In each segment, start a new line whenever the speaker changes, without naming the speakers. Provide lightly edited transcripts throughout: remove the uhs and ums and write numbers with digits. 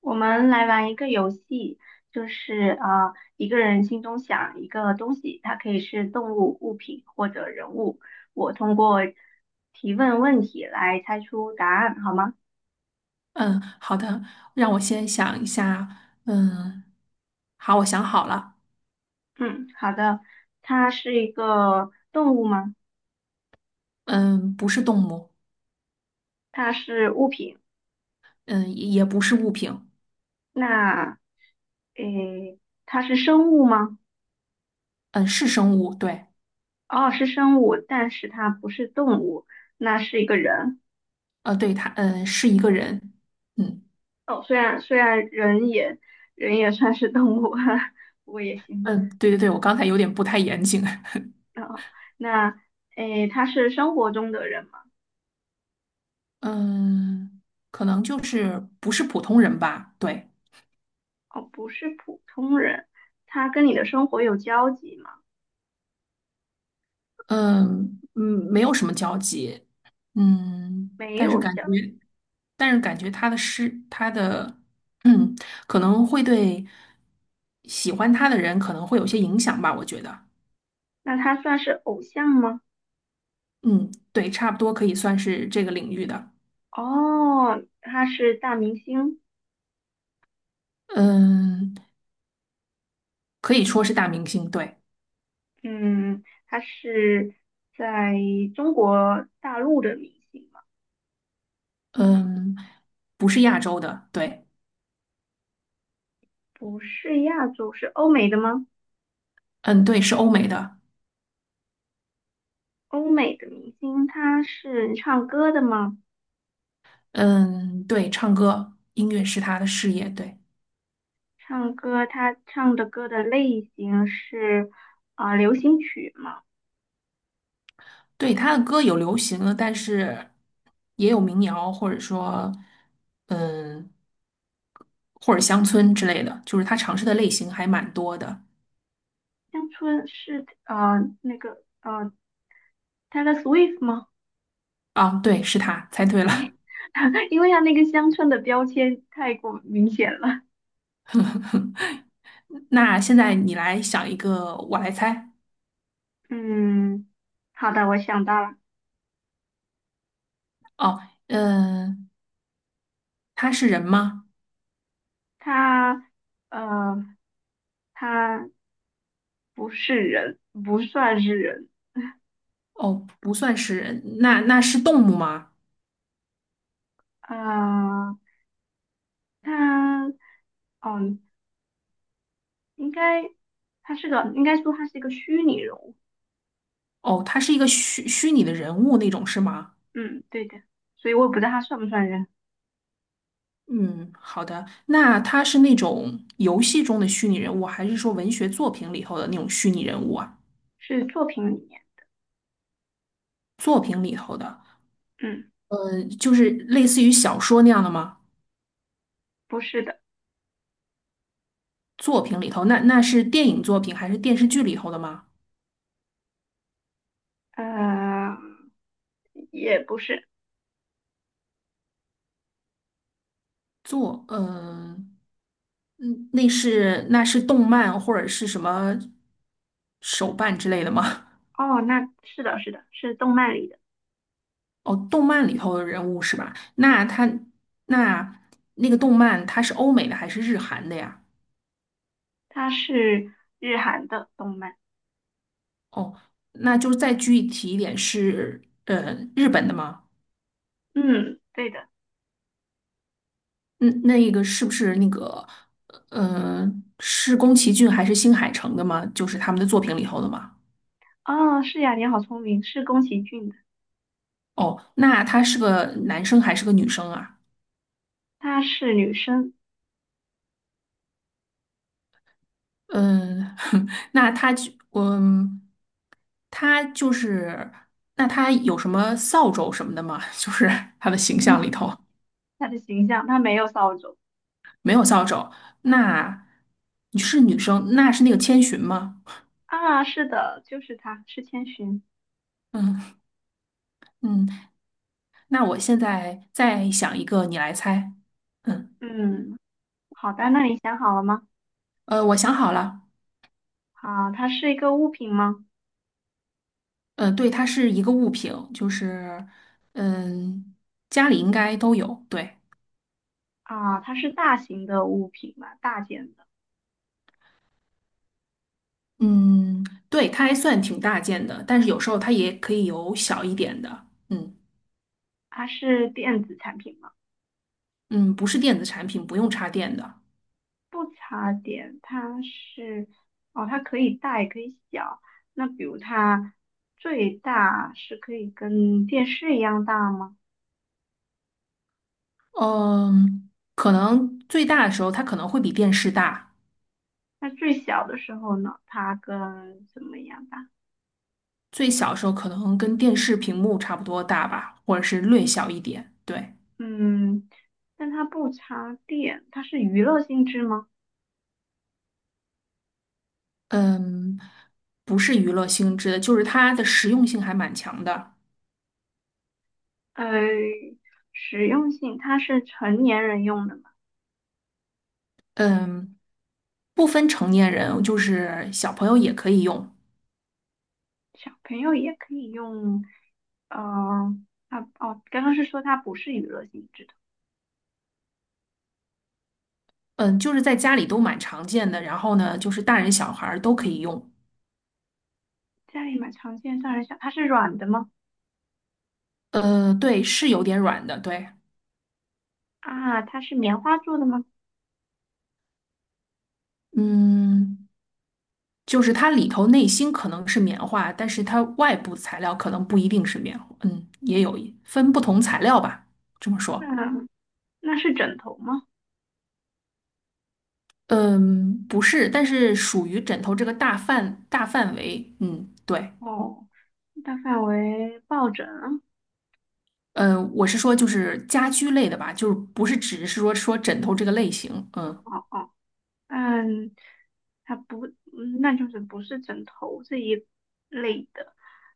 我们来玩一个游戏，就是一个人心中想一个东西，它可以是动物、物品或者人物。我通过提问问题来猜出答案，好吗？
嗯，好的，让我先想一下。嗯，好，我想好了。
嗯，好的。它是一个动物吗？
嗯，不是动物，
它是物品。
嗯，也不是物品，
那，诶，它是生物吗？
嗯，是生物。对，
哦，是生物，但是它不是动物，那是一个人。
对，它，是一个人。嗯
哦，虽然人也人也算是动物，哈，不过也行。
嗯，对对对，我刚才有点不太严谨。
啊，那诶，他是生活中的人吗？
嗯，可能就是不是普通人吧。对，
哦，不是普通人，他跟你的生活有交集吗？
嗯嗯，没有什么交集。嗯，
没
但是
有
感
交集，
觉。但是感觉他的诗，他的，嗯，可能会对喜欢他的人可能会有些影响吧，我觉得，
那他算是偶像吗？
嗯，对，差不多可以算是这个领域的，
哦，他是大明星。
嗯，可以说是大明星，对，
嗯，他是在中国大陆的明星吗？
嗯，不是亚洲的，对，
不是亚洲，是欧美的吗？
嗯，对，是欧美的，
欧美的明星，他是唱歌的吗？
嗯，对，唱歌，音乐是他的事业，对。
唱歌，他唱的歌的类型是啊，流行曲吗？
对，他的歌有流行的，但是也有民谣，或者说，嗯，或者乡村之类的，就是他尝试的类型还蛮多的。
乡村是Taylor Swift 吗？
啊，对，是他，猜对
哎，
了。
因为他那个乡村的标签太过明显了。
那现在你来想一个，我来猜。
嗯，好的，我想到了。
哦，嗯，他是人吗？
他呃他不是人，不算是人。
哦，不算是人，那是动物吗？
呃，他嗯应该他是个应该说他是一个虚拟人物。
哦，他是一个虚拟的人物那种是吗？
嗯，对的，所以我也不知道他算不算人。
嗯，好的。那他是那种游戏中的虚拟人物，还是说文学作品里头的那种虚拟人物啊？
是作品里面。
作品里头的，
嗯，
就是类似于小说那样的吗？
不是的。
作品里头，那是电影作品还是电视剧里头的吗？
呃，也不是。
作，呃，嗯，那是那是动漫或者是什么手办之类的吗？
哦，那是的，是的，是动漫里的。
哦，动漫里头的人物是吧？那他那那个动漫它是欧美的还是日韩的呀？
它是日韩的动漫。
哦，那就是再具体一点是，日本的吗？
嗯，对的。
那那个是不是那个，呃，是宫崎骏还是新海诚的吗？就是他们的作品里头的吗？
哦，是呀，你好聪明，是宫崎骏的。
哦，那他是个男生还是个女生啊？
她是女生。
嗯，那他就，他就是，那他有什么扫帚什么的吗？就是他的形象里头
她的形象，她没有扫帚
没有扫帚。那你是女生，那是那个千寻吗？
啊。是的，就是她，是千寻。
嗯嗯。那我现在再想一个，你来猜。嗯，
嗯，好的，那你想好了吗？
我想好了。
啊，它是一个物品吗？
对，它是一个物品，就是嗯，家里应该都有。对，
啊，它是大型的物品吗？大件的，
嗯，对，它还算挺大件的，但是有时候它也可以有小一点的。嗯
它是电子产品吗？
嗯，不是电子产品，不用插电的。
不插电，它是哦，它可以大也可以小。那比如它最大是可以跟电视一样大吗？
嗯，可能最大的时候它可能会比电视大，
那最小的时候呢，它跟什么一样大？
最小的时候可能跟电视屏幕差不多大吧，或者是略小一点。对。
嗯，但它不插电，它是娱乐性质吗？
嗯，不是娱乐性质的，就是它的实用性还蛮强的。
呃，实用性，它是成年人用的嘛？
嗯，不分成年人，就是小朋友也可以用。
小朋友也可以用。呃，它哦，刚刚是说它不是娱乐性质的。
嗯，就是在家里都蛮常见的，然后呢，就是大人小孩儿都可以用。
家里买常见，上人想它是软的吗？
对，是有点软的，对，
啊，它是棉花做的吗？
嗯，就是它里头内芯可能是棉花，但是它外部材料可能不一定是棉花，也有一分不同材料吧，这么
那
说。
那是枕头吗？
嗯，不是，但是属于枕头这个大范围。嗯，对，
哦，大范围抱枕，
我是说就是家居类的吧，就是不是只是说枕头这个类型。嗯
哦哦，嗯，它不，嗯那就是不是枕头这一类的，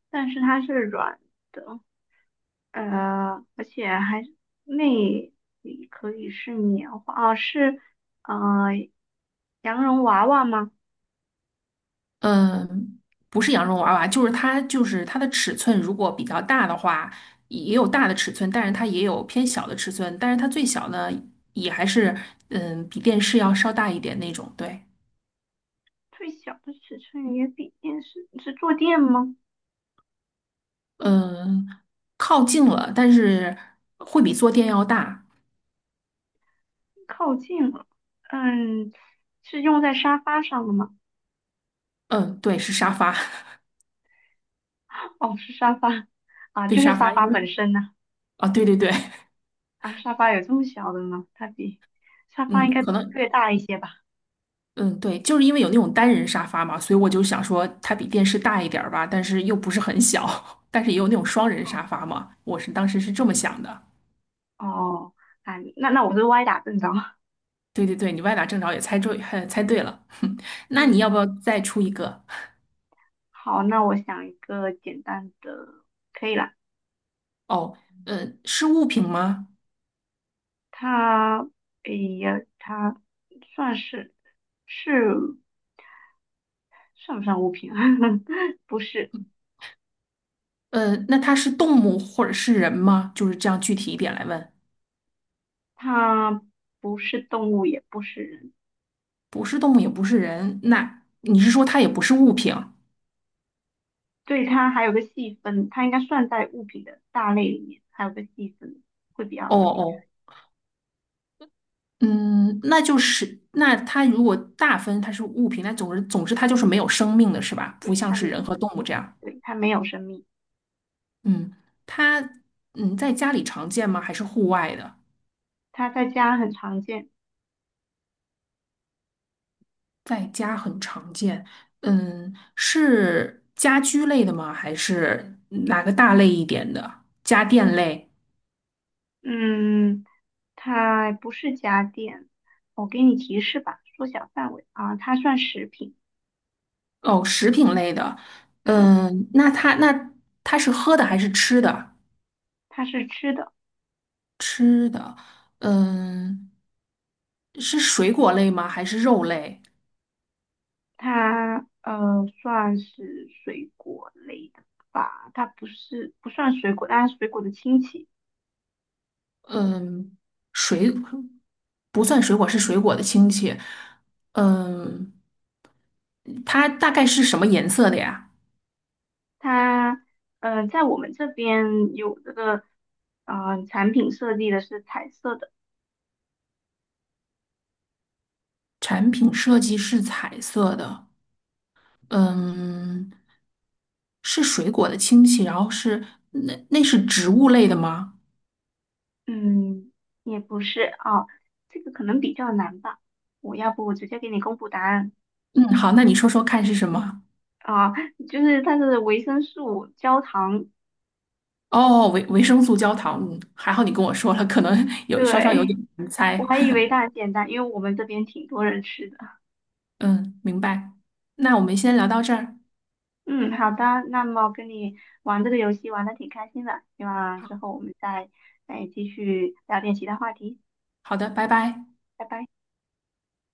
但是它是软的，呃，而且还是内里可以是棉花。哦，是呃羊绒娃娃吗？
嗯，不是羊绒娃娃，就是它的尺寸如果比较大的话，也有大的尺寸，但是它也有偏小的尺寸，但是它最小呢也还是比电视要稍大一点那种。对，
最小的尺寸也比电视是坐垫吗？
嗯，靠近了，但是会比坐垫要大。
靠近了，嗯，是用在沙发上的吗？
嗯，对，是沙发。
哦，是沙发啊，
对
就是
沙
沙
发，因
发本
为
身呢、
对对对，
啊。沙发有这么小的吗？它比沙发
嗯，
应该
可能，
略大一些吧？
嗯，对，就是因为有那种单人沙发嘛，所以我就想说它比电视大一点儿吧，但是又不是很小，但是也有那种双人沙
哦
发嘛，我是当时是这么想的。
哦，啊，那那我是歪打正着。
对对对，你歪打正着也猜对，还猜对了。那你
嗯，
要不要再出一个？
好，那我想一个简单的，可以啦。
哦，是物品吗？
它，哎呀，它算是算不算物品啊？不是，
那它是动物或者是人吗？就是这样具体一点来问，
它不是动物，也不是人。
不是动物也不是人，那你是说它也不是物品？哦
对，它还有个细分，它应该算在物品的大类里面，还有个细分会比较容易。
哦嗯，那就是那它如果大分它是物品，那总之它就是没有生命的是吧？不
对，
像
它
是
们，
人和动物这样。
对，它没有生命，
嗯，它在家里常见吗？还是户外的？
它在家很常见。
在家很常见。嗯，是家居类的吗？还是哪个大类一点的？家电类？
嗯，它不是家电，我给你提示吧，缩小范围啊，它算食品。
哦，食品类的。
嗯，
嗯，那它那它是喝的还是吃的？
它是吃的，
吃的。嗯，是水果类吗？还是肉类？
它算是水果类的吧，它不是不算水果，但是水果的亲戚。
嗯，水不算水果，是水果的亲戚。嗯，它大概是什么颜色的呀？
它，嗯，在我们这边有这个，产品设计的是彩色的。
产品设计是彩色的。嗯，是水果的亲戚，然后是那那是植物类的吗？
嗯，也不是啊，这个可能比较难吧。我要不我直接给你公布答案。
嗯，好，那你说说看是什么？
啊，就是它是维生素焦糖。
哦，维生素焦糖。嗯，还好你跟我说了，可能 有稍稍有
对，
点难
我
猜。
还以为它很简单，因为我们这边挺多人吃的。
嗯，明白。那我们先聊到这儿。
嗯，好的，那么跟你玩这个游戏玩的挺开心的，希望之
好，
后我们再继续聊点其他话题，
好的，拜拜。
拜拜。